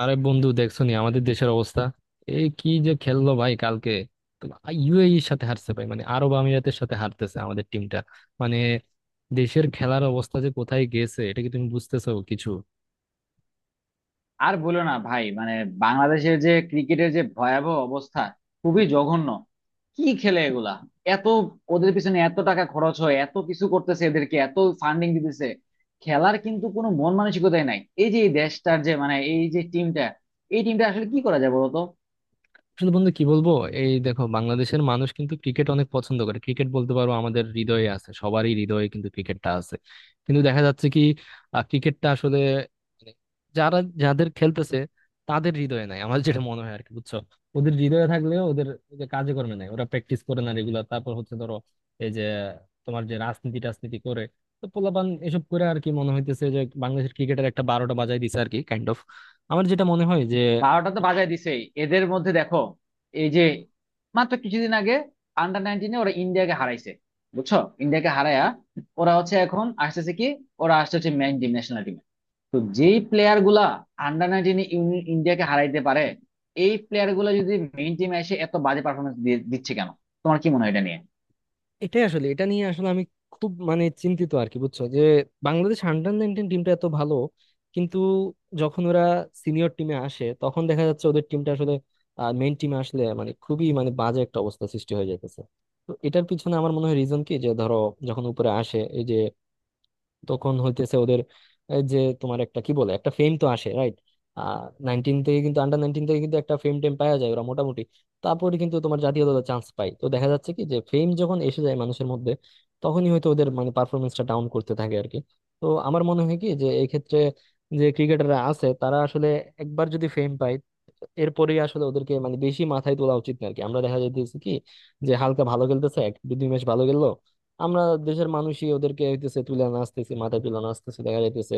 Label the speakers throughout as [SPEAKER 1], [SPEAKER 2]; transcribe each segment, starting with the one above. [SPEAKER 1] আরে বন্ধু, দেখছো নি আমাদের দেশের অবস্থা? এই কি যে খেললো ভাই কালকে! ইউএই এর সাথে হারছে ভাই, মানে আরব আমিরাতের সাথে হারতেছে আমাদের টিমটা। মানে দেশের খেলার অবস্থা যে কোথায় গেছে এটা কি তুমি বুঝতেছো কিছু?
[SPEAKER 2] আর বলো না ভাই, মানে বাংলাদেশের যে ক্রিকেটের যে ভয়াবহ অবস্থা, খুবই জঘন্য। কি খেলে এগুলা? এত, ওদের পিছনে এত টাকা খরচ হয়, এত কিছু করতেছে, এদেরকে এত ফান্ডিং দিতেছে। খেলার কিন্তু কোনো মন মানসিকতাই নাই। এই যে এই দেশটার যে, মানে এই টিমটা আসলে কি করা যায় বলতো?
[SPEAKER 1] আসলে বন্ধু কি বলবো। এই দেখো, বাংলাদেশের মানুষ কিন্তু ক্রিকেট অনেক পছন্দ করে, ক্রিকেট বলতে পারো আমাদের হৃদয়ে আছে, সবারই হৃদয়ে কিন্তু ক্রিকেটটা আছে। কিন্তু দেখা যাচ্ছে কি, ক্রিকেটটা আসলে মানে যারা যাদের খেলতেছে তাদের হৃদয়ে নাই, আমার যেটা মনে হয় আর কি, বুঝছো। ওদের হৃদয়ে থাকলেও ওদের ওই যে কাজে কর্মে নাই, ওরা প্র্যাকটিস করে না রেগুলার। তারপর হচ্ছে ধরো, এই যে তোমার যে রাজনীতি টাজনীতি করে, তো পোলাপান এসব করে আর কি, মনে হইতেছে যে বাংলাদেশের ক্রিকেটের একটা বারোটা বাজায় দিছে আর কি, কাইন্ড অফ। আমার যেটা মনে হয় যে,
[SPEAKER 2] বারোটা তো বাজায় দিছেই। এদের মধ্যে দেখো, এই যে মাত্র কিছুদিন আগে আন্ডার 19-এ ওরা ইন্ডিয়াকে হারাইছে, বুঝছো। ইন্ডিয়াকে হারায়া ওরা হচ্ছে এখন আসতেছে কি, ওরা আসছে হচ্ছে মেইন টিম। তো যেই প্লেয়ার গুলা আন্ডার 19 ইন্ডিয়াকে হারাইতে পারে, এই প্লেয়ার গুলা যদি মেইন টিমে এসে এত বাজে পারফরমেন্স দিচ্ছে কেন? তোমার কি মনে হয় এটা নিয়ে?
[SPEAKER 1] এটাই আসলে, এটা নিয়ে আসলে আমি খুব মানে চিন্তিত আর কি, বুঝছো, যে বাংলাদেশ আন্ডার 19 টিমটা এত ভালো, কিন্তু যখন ওরা সিনিয়র টিমে আসে তখন দেখা যাচ্ছে ওদের টিমটা আসলে, মেইন টিমে আসলে মানে খুবই মানে বাজে একটা অবস্থা সৃষ্টি হয়ে যাইতেছে। তো এটার পিছনে আমার মনে হয় রিজন কি যে, ধরো যখন উপরে আসে এই যে, তখন হইতেছে ওদের এই যে তোমার একটা কি বলে একটা ফেম তো আসে, রাইট। আহ নাইনটিন থেকে কিন্তু, আন্ডার 19 থেকে কিন্তু একটা ফেম টেম পাওয়া যায়, ওরা মোটামুটি তারপরে কিন্তু তোমার জাতীয় দলে চান্স পায়। তো দেখা যাচ্ছে কি, যে ফেম যখন এসে যায় মানুষের মধ্যে, তখনই হয়তো ওদের মানে পারফরমেন্সটা ডাউন করতে থাকে আর কি। তো আমার মনে হয় কি যে, এই ক্ষেত্রে যে ক্রিকেটাররা আছে তারা আসলে একবার যদি ফেম পায়, এরপরে আসলে ওদেরকে মানে বেশি মাথায় তোলা উচিত না আর কি। আমরা দেখা যাইতেছে কি, যে হালকা ভালো খেলতেছে এক দুই দুই ম্যাচ ভালো খেললো, আমরা দেশের মানুষই ওদেরকে হইতেছে তুলে নাচতেছি, মাথায় তুলে নাচতেছি, দেখা যাইতেছে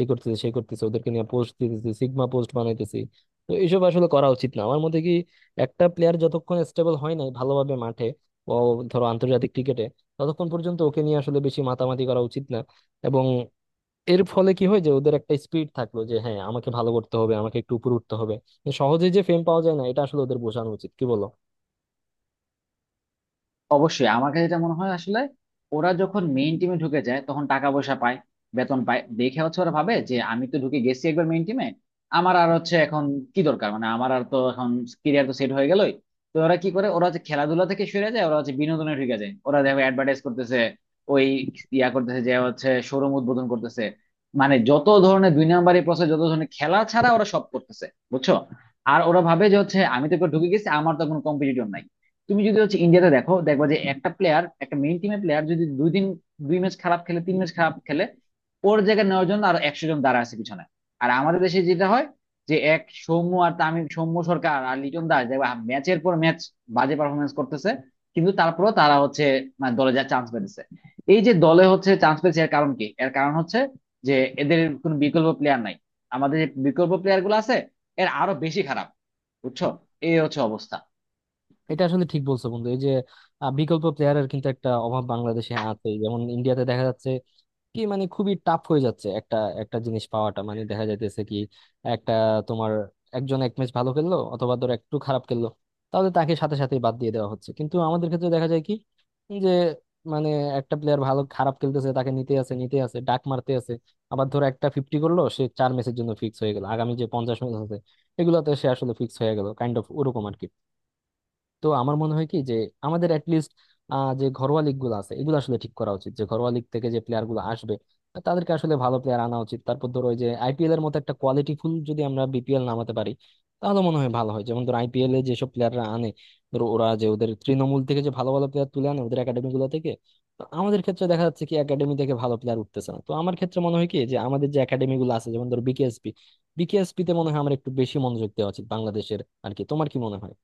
[SPEAKER 1] এই করতেছে সেই করতেছে, ওদেরকে নিয়ে পোস্ট দিতেছি, সিগমা পোস্ট বানাইতেছি। তো এইসব আসলে করা উচিত না। আমার মতে কি, একটা প্লেয়ার যতক্ষণ স্টেবল হয় নাই ভালোভাবে মাঠে, ও, ধরো আন্তর্জাতিক ক্রিকেটে, ততক্ষণ পর্যন্ত ওকে নিয়ে আসলে বেশি মাতামাতি করা উচিত না। এবং এর ফলে কি হয় যে ওদের একটা স্পিড থাকলো যে হ্যাঁ আমাকে ভালো করতে হবে, আমাকে একটু উপরে উঠতে হবে, যে সহজে যে ফেম পাওয়া যায় না এটা আসলে ওদের বোঝানো উচিত, কি বলো?
[SPEAKER 2] অবশ্যই। আমার কাছে এটা মনে হয় আসলে ওরা যখন মেইন টিমে ঢুকে যায় তখন টাকা পয়সা পায়, বেতন পায় দেখে হচ্ছে ওরা ভাবে যে আমি তো ঢুকে গেছি একবার মেইন টিমে, আমার আর হচ্ছে এখন কি দরকার, মানে আমার আর তো এখন ক্যারিয়ার তো সেট হয়ে গেলই। তো ওরা কি করে? ওরা হচ্ছে খেলাধুলা থেকে সরে যায়, ওরা হচ্ছে বিনোদনে ঢুকে যায়। ওরা দেখো অ্যাডভার্টাইজ করতেছে, ওই ইয়া করতেছে, যে হচ্ছে শোরুম উদ্বোধন করতেছে। মানে যত ধরনের দুই নাম্বারই প্রসেস, যত ধরনের খেলা ছাড়া ওরা সব করতেছে, বুঝছো। আর ওরা ভাবে যে হচ্ছে আমি তো একবার ঢুকে গেছি, আমার তো কোনো কম্পিটিটর নাই। তুমি যদি হচ্ছে ইন্ডিয়াতে দেখো, দেখবা যে একটা প্লেয়ার, একটা মেইন টিমের প্লেয়ার যদি 2 দিন, 2 ম্যাচ খারাপ খেলে, 3 ম্যাচ খারাপ খেলে, ওর জায়গায় নেওয়ার জন্য আরো 100 জন দাঁড়া আছে পিছনে। আর আমাদের দেশে যেটা হয়, যে এক সৌম্য আর তামিম, সৌম্য সরকার আর লিটন দাস, দেখবা ম্যাচের পর ম্যাচ বাজে পারফরমেন্স করতেছে কিন্তু তারপরেও তারা হচ্ছে, মানে দলে যা চান্স পেতেছে। এই যে দলে হচ্ছে চান্স পেয়েছে এর কারণ কি? এর কারণ হচ্ছে যে এদের কোনো বিকল্প প্লেয়ার নাই। আমাদের যে বিকল্প প্লেয়ার গুলো আছে এর আরো বেশি খারাপ, বুঝছো। এই হচ্ছে অবস্থা।
[SPEAKER 1] এটা আসলে ঠিক বলছো বন্ধু। এই যে বিকল্প প্লেয়ারের কিন্তু একটা অভাব বাংলাদেশে আছে, যেমন ইন্ডিয়াতে দেখা যাচ্ছে কি মানে খুবই টাফ হয়ে যাচ্ছে একটা একটা জিনিস পাওয়াটা, মানে দেখা যাইতেছে কি, একটা, তোমার একজন এক ম্যাচ ভালো খেললো অথবা ধর একটু খারাপ খেললো তাহলে তাকে সাথে সাথে বাদ দিয়ে দেওয়া হচ্ছে, কিন্তু আমাদের ক্ষেত্রে দেখা যায় কি, যে মানে একটা প্লেয়ার ভালো খারাপ খেলতেছে তাকে নিতে আছে নিতে আছে ডাক মারতে আছে। আবার ধর একটা ফিফটি করলো সে চার ম্যাচের জন্য ফিক্স হয়ে গেল, আগামী যে 50 ম্যাচ আছে এগুলোতে সে আসলে ফিক্স হয়ে গেল কাইন্ড অফ ওরকম আর কি। তো আমার মনে হয় কি যে, আমাদের অ্যাটলিস্ট যে ঘরোয়া লিগ গুলো আছে এগুলো আসলে ঠিক করা উচিত, যে ঘরোয়া লিগ থেকে যে প্লেয়ার গুলো আসবে তাদেরকে আসলে ভালো প্লেয়ার আনা উচিত। তারপর ধরো ওই যে আইপিএল এর মতো একটা কোয়ালিটি ফুল যদি আমরা বিপিএল নামাতে পারি তাহলে মনে হয় ভালো হয়। যেমন ধরো আইপিএল এ যেসব প্লেয়াররা আনে, ধরো ওরা যে ওদের তৃণমূল থেকে যে ভালো ভালো প্লেয়ার তুলে আনে ওদের একাডেমি গুলো থেকে। তো আমাদের ক্ষেত্রে দেখা যাচ্ছে কি একাডেমি থেকে ভালো প্লেয়ার উঠতেছে না। তো আমার ক্ষেত্রে মনে হয় কি যে আমাদের যে একাডেমি গুলো আছে যেমন ধরো বিকেএসপি, বিকেএসপি তে মনে হয় আমার একটু বেশি মনোযোগ দেওয়া উচিত বাংলাদেশের আর কি। তোমার কি মনে হয়?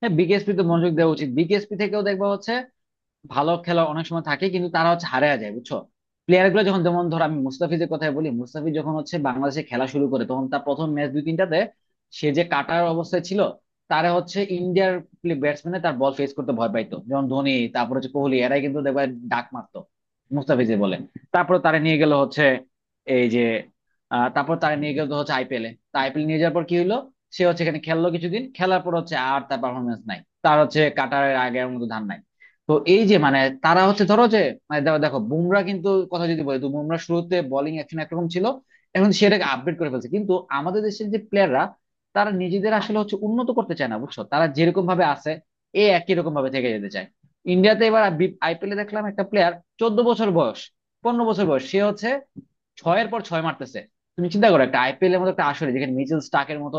[SPEAKER 2] হ্যাঁ, বিকেএসপি তে মনোযোগ দেওয়া উচিত। বিকেএসপি থেকেও দেখবা হচ্ছে ভালো খেলা অনেক সময় থাকে কিন্তু তারা হচ্ছে হারিয়ে যায়, বুঝছো। প্লেয়ার গুলো যখন, যেমন ধর আমি মুস্তাফিজের কথাই বলি, মুস্তাফিজ যখন হচ্ছে বাংলাদেশে খেলা শুরু করে তখন তার প্রথম ম্যাচ দুই তিনটাতে সে যে কাটার অবস্থায় ছিল, তারা হচ্ছে ইন্ডিয়ার ব্যাটসম্যানে তার বল ফেস করতে ভয় পাইতো, যেমন ধোনি, তারপর হচ্ছে কোহলি, এরাই কিন্তু দেখবে ডাক মারতো মুস্তাফিজে বলে। তারপর তারা নিয়ে গেল হচ্ছে এই যে, তারপর তারা নিয়ে গেল হচ্ছে আইপিএলে। তা আইপিএল নিয়ে যাওয়ার পর কি হলো? সে হচ্ছে এখানে খেললো, কিছুদিন খেলার পর হচ্ছে আর তার পারফরমেন্স নাই। তার হচ্ছে কাটারের আগের মতো ধান নাই। তো এই যে মানে তারা হচ্ছে ধরো যে, মানে দেখো দেখো বুমরা কিন্তু, কথা যদি বলি তো বুমরা শুরুতে বোলিং অ্যাকশন একরকম ছিল, এখন সেটাকে আপডেট করে ফেলছে। কিন্তু আমাদের দেশের যে প্লেয়াররা তারা নিজেদের আসলে হচ্ছে উন্নত করতে চায় না, বুঝছো। তারা যেরকম ভাবে আছে এ একই রকম ভাবে থেকে যেতে চায়। ইন্ডিয়াতে এবার আইপিএলে দেখলাম একটা প্লেয়ার, 14 বছর বয়স, 15 বছর বয়স, সে হচ্ছে ছয়ের পর ছয় মারতেছে। তুমি চিন্তা করো, একটা আইপিএল এর মতো একটা আসরে যেখানে মিচেল স্টার্কের মতো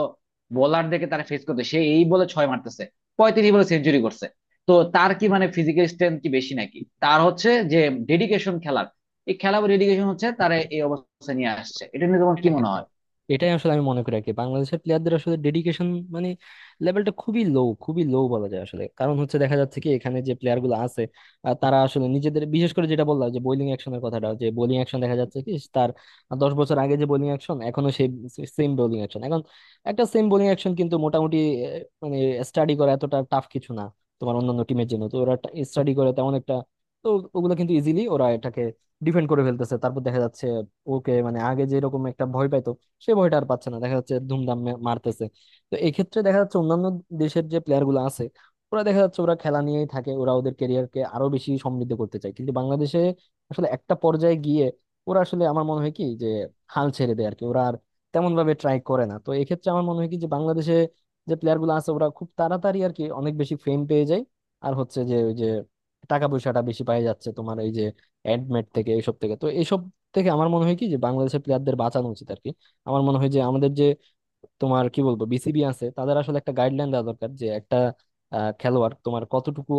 [SPEAKER 2] বোলারদেরকে তারা ফেস করতে, সে এই বলে ছয় মারতেছে, 35 বলে সেঞ্চুরি করছে। তো তার কি মানে ফিজিক্যাল স্ট্রেংথ কি বেশি নাকি? তার হচ্ছে যে ডেডিকেশন খেলার, এই খেলা ডেডিকেশন হচ্ছে তারা এই অবস্থা নিয়ে আসছে। এটা নিয়ে তোমার কি
[SPEAKER 1] হ্যাঁ হ্যাঁ
[SPEAKER 2] মনে হয়?
[SPEAKER 1] হ্যাঁ, এটাই আসলে আমি মনে করি আর কি। বাংলাদেশের প্লেয়ারদের আসলে ডেডিকেশন মানে লেভেলটা খুবই লো, খুবই লো বলা যায় আসলে। কারণ হচ্ছে দেখা যাচ্ছে কি, এখানে যে প্লেয়ার গুলো আছে তারা আসলে নিজেদের, বিশেষ করে যেটা বললাম যে বোলিং অ্যাকশনের কথাটা, যে বোলিং অ্যাকশন দেখা যাচ্ছে কি তার 10 বছর আগে যে বোলিং অ্যাকশন এখনো সেই সেম বোলিং অ্যাকশন, এখন একটা সেম বোলিং অ্যাকশন কিন্তু মোটামুটি মানে স্টাডি করা এতটা টাফ কিছু না তোমার অন্যান্য টিমের জন্য, তো ওরা স্টাডি করে তেমন একটা। তো ওগুলো কিন্তু ইজিলি ওরা এটাকে ডিফেন্ড করে ফেলতেছে। তারপর দেখা যাচ্ছে ওকে মানে আগে যেরকম একটা ভয় পাইতো সে ভয়টা আর পাচ্ছে না, দেখা যাচ্ছে ধুমধাম মারতেছে। তো এক্ষেত্রে দেখা যাচ্ছে অন্যান্য দেশের যে প্লেয়ার গুলো আছে ওরা দেখা যাচ্ছে ওরা খেলা নিয়েই থাকে, ওরা ওদের ক্যারিয়ারকে আরো বেশি সমৃদ্ধ করতে চায়, কিন্তু বাংলাদেশে আসলে একটা পর্যায়ে গিয়ে ওরা আসলে, আমার মনে হয় কি যে হাল ছেড়ে দেয় আর কি, ওরা আর তেমন ভাবে ট্রাই করে না। তো এক্ষেত্রে আমার মনে হয় কি যে বাংলাদেশে যে প্লেয়ার গুলো আছে ওরা খুব তাড়াতাড়ি আর কি অনেক বেশি ফেম পেয়ে যায়, আর হচ্ছে যে ওই যে টাকা পয়সাটা বেশি পাই যাচ্ছে তোমার, এই যে অ্যাডমেট থেকে এইসব থেকে। তো এইসব দেখে আমার মনে হয় কি যে বাংলাদেশের প্লেয়ারদের বাঁচানো উচিত আর কি। আমার মনে হয় যে আমাদের যে, তোমার কি বলবো বিসিবি আছে তাদের আসলে একটা গাইডলাইন দেওয়া দরকার, যে একটা খেলোয়াড় তোমার কতটুকু,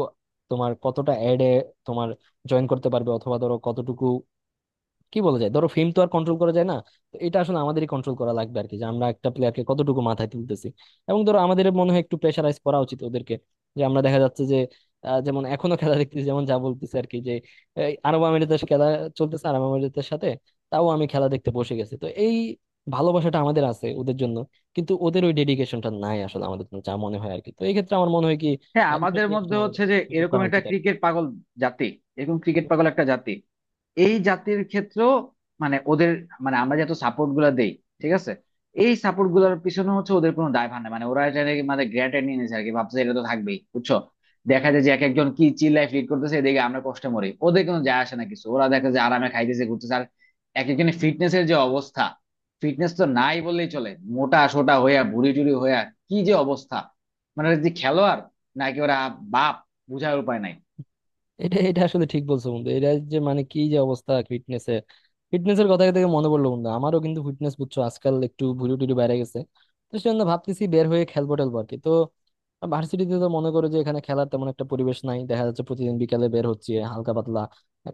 [SPEAKER 1] তোমার কতটা অ্যাডে তোমার জয়েন করতে পারবে, অথবা ধরো কতটুকু কি বলা যায়, ধরো ফেম তো আর কন্ট্রোল করা যায় না। তো এটা আসলে আমাদেরই কন্ট্রোল করা লাগবে আর কি, যে আমরা একটা প্লেয়ারকে কতটুকু মাথায় তুলতেছি। এবং ধরো আমাদের মনে হয় একটু প্রেশারাইজ করা উচিত ওদেরকে। যে আমরা দেখা যাচ্ছে যে যেমন এখনো খেলা দেখতেছি যেমন যা বলতেছে আর কি, যে এই আরব আমিরাতের খেলা চলতেছে, আরব আমিরাতের সাথে, তাও আমি খেলা দেখতে বসে গেছি। তো এই ভালোবাসাটা আমাদের আছে ওদের জন্য, কিন্তু ওদের ওই ডেডিকেশনটা নাই আসলে আমাদের জন্য, যা মনে হয় আর কি। তো এই ক্ষেত্রে আমার মনে হয় কি
[SPEAKER 2] হ্যাঁ, আমাদের
[SPEAKER 1] এক্ষেত্রে
[SPEAKER 2] মধ্যে
[SPEAKER 1] আসলে আমাদের
[SPEAKER 2] হচ্ছে যে
[SPEAKER 1] সুযোগ
[SPEAKER 2] এরকম
[SPEAKER 1] করা
[SPEAKER 2] একটা
[SPEAKER 1] উচিত আর কি।
[SPEAKER 2] ক্রিকেট পাগল জাতি, এরকম ক্রিকেট পাগল একটা জাতি। এই জাতির ক্ষেত্র, মানে ওদের, মানে আমরা যত সাপোর্ট গুলা দেই, ঠিক আছে, এই সাপোর্ট গুলার পিছনে হচ্ছে ওদের কোনো দায়ভার নাই। মানে ওরা এটা নাকি মানে গ্রান্টেড নিয়ে নিয়েছে আর কি, ভাবছে এটা তো থাকবেই, বুঝছো। দেখা যায় যে এক একজন কি চিল লাইফ লিড করতেছে, এদিকে আমরা কষ্টে মরি, ওদের কোনো যায় আসে না কিছু। ওরা দেখা যায় আরামে খাইতেছে, ঘুরতেছে। আর এক একজনের ফিটনেস এর যে অবস্থা, ফিটনেস তো নাই বললেই চলে, মোটা সোটা হইয়া, ভুড়ি টুড়ি হইয়া, কি যে অবস্থা। মানে যে খেলোয়াড় নাকি ওরা বাপ, বুঝার উপায় নাই।
[SPEAKER 1] এটা এটা আসলে ঠিক বলছো বন্ধু, এটা যে মানে কি যে অবস্থা ফিটনেসে। ফিটনেসের কথা থেকে মনে পড়লো বন্ধু, আমারও কিন্তু ফিটনেস বুঝছো আজকাল একটু ভুরু টুরু বেড়ে গেছে, তো সেজন্য ভাবতেছি বের হয়ে খেলবো টেলবো আর কি। তো ভার্সিটিতে তো মনে করো যে এখানে খেলার তেমন একটা পরিবেশ নাই, দেখা যাচ্ছে প্রতিদিন বিকালে বের হচ্ছে হালকা পাতলা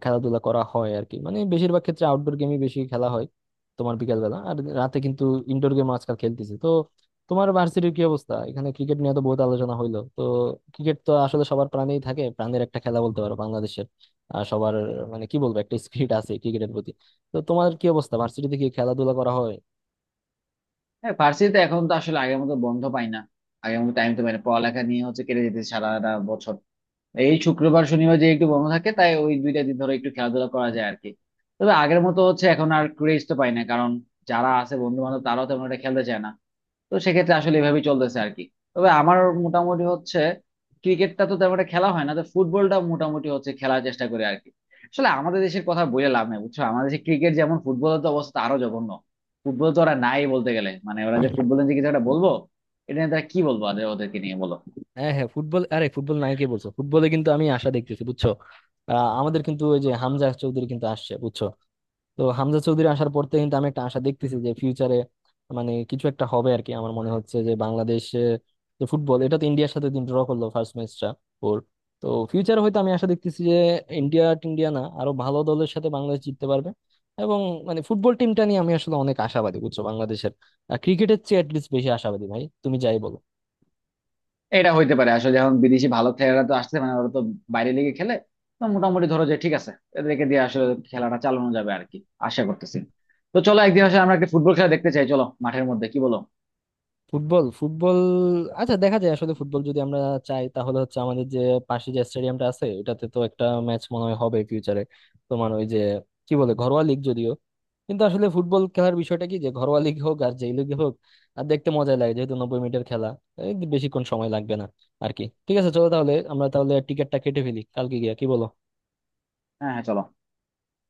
[SPEAKER 1] খেলাধুলা করা হয় আর কি, মানে বেশিরভাগ ক্ষেত্রে আউটডোর গেমই বেশি খেলা হয়, তোমার বিকাল বেলা আর রাতে কিন্তু ইনডোর গেম আজকাল খেলতেছি। তো তোমার ভার্সিটির কি অবস্থা? এখানে ক্রিকেট নিয়ে তো বহুত আলোচনা হইলো, তো ক্রিকেট তো আসলে সবার প্রাণেই থাকে, প্রাণের একটা খেলা বলতে পারো বাংলাদেশের, আর সবার মানে কি বলবো একটা স্পিরিট আছে ক্রিকেটের প্রতি। তো তোমার কি অবস্থা ভার্সিটিতে, কি খেলাধুলা করা হয়?
[SPEAKER 2] হ্যাঁ, ভার্সিটিতে এখন তো আসলে আগের মতো বন্ধ পাই না, আগের মতো টাইম তো পাই না, পড়ালেখা নিয়ে হচ্ছে কেটে যেতে সারাটা বছর। এই শুক্রবার শনিবার যে একটু বন্ধ থাকে তাই ওই 2 দিন ধরে একটু খেলাধুলা করা যায় আর কি। তবে আগের মতো হচ্ছে এখন আর ক্রেজ তো পাই না, কারণ যারা আছে বন্ধু বান্ধব তারাও তেমন একটা খেলতে চায় না। তো সেক্ষেত্রে আসলে এভাবেই চলতেছে আর কি। তবে আমার মোটামুটি হচ্ছে ক্রিকেটটা তো তেমন একটা খেলা হয় না, তো ফুটবলটা মোটামুটি হচ্ছে খেলার চেষ্টা করে আর কি। আসলে আমাদের দেশের কথা বলে লাভ নাই, বুঝছো, আমাদের দেশে ক্রিকেট যেমন, ফুটবলের তো অবস্থা আরো জঘন্য। ফুটবল তো ওরা নাই বলতে গেলে, মানে ওরা যে ফুটবলের যে কিছু একটা বলবো, এটা নিয়ে তারা কি বলবো, ওদের, ওদেরকে নিয়ে বলো।
[SPEAKER 1] হ্যাঁ হ্যাঁ, ফুটবল, আরে ফুটবল নাই কে বলছো, ফুটবলে কিন্তু আমি আশা দেখতেছি বুঝছো। আমাদের কিন্তু ওই যে হামজা চৌধুরী কিন্তু আসছে বুঝছো, তো হামজা চৌধুরী আসার পর থেকে কিন্তু আমি একটা আশা দেখতেছি যে ফিউচারে মানে কিছু একটা হবে আর কি। আমার মনে হচ্ছে যে বাংলাদেশে যে ফুটবল এটা তো ইন্ডিয়ার সাথে দিন ড্র করলো ফার্স্ট ম্যাচটা ওর। তো ফিউচারে হয়তো আমি আশা দেখতেছি যে ইন্ডিয়া টিন্ডিয়া না আরো ভালো দলের সাথে বাংলাদেশ জিততে পারবে। এবং মানে ফুটবল টিমটা নিয়ে আমি আসলে অনেক আশাবাদী বুঝছো, বাংলাদেশের ক্রিকেটের চেয়ে অ্যাটলিস্ট বেশি আশাবাদী ভাই, তুমি যাই বলো।
[SPEAKER 2] এটা হইতে পারে আসলে, যখন বিদেশি ভালো খেলোয়াড়রা তো আসছে, মানে ওরা তো বাইরে লিগে খেলে, তো মোটামুটি ধরো যে ঠিক আছে, এদেরকে দিয়ে আসলে খেলাটা চালানো যাবে আর কি, আশা করতেছি। তো চলো, একদিন আসলে আমরা একটা ফুটবল খেলা দেখতে চাই, চলো মাঠের মধ্যে, কি বলো?
[SPEAKER 1] ফুটবল ফুটবল, আচ্ছা দেখা যায় আসলে ফুটবল যদি আমরা চাই তাহলে হচ্ছে আমাদের যে পাশে যে স্টেডিয়ামটা আছে এটাতে তো একটা ম্যাচ মনে হয় হবে ফিউচারে। তোমার ওই যে কি বলে ঘরোয়া লিগ যদিও, কিন্তু আসলে ফুটবল খেলার বিষয়টা কি যে ঘরোয়া লিগ হোক আর যেই লিগ হোক আর দেখতে মজা লাগে যেহেতু 90 মিনিটের খেলা, এই বেশিক্ষণ সময় লাগবে না আর কি। ঠিক আছে চলো তাহলে আমরা তাহলে টিকিটটা কেটে ফেলি কালকে গিয়া, কি বলো?
[SPEAKER 2] হ্যাঁ, হ্যাঁ, চলো।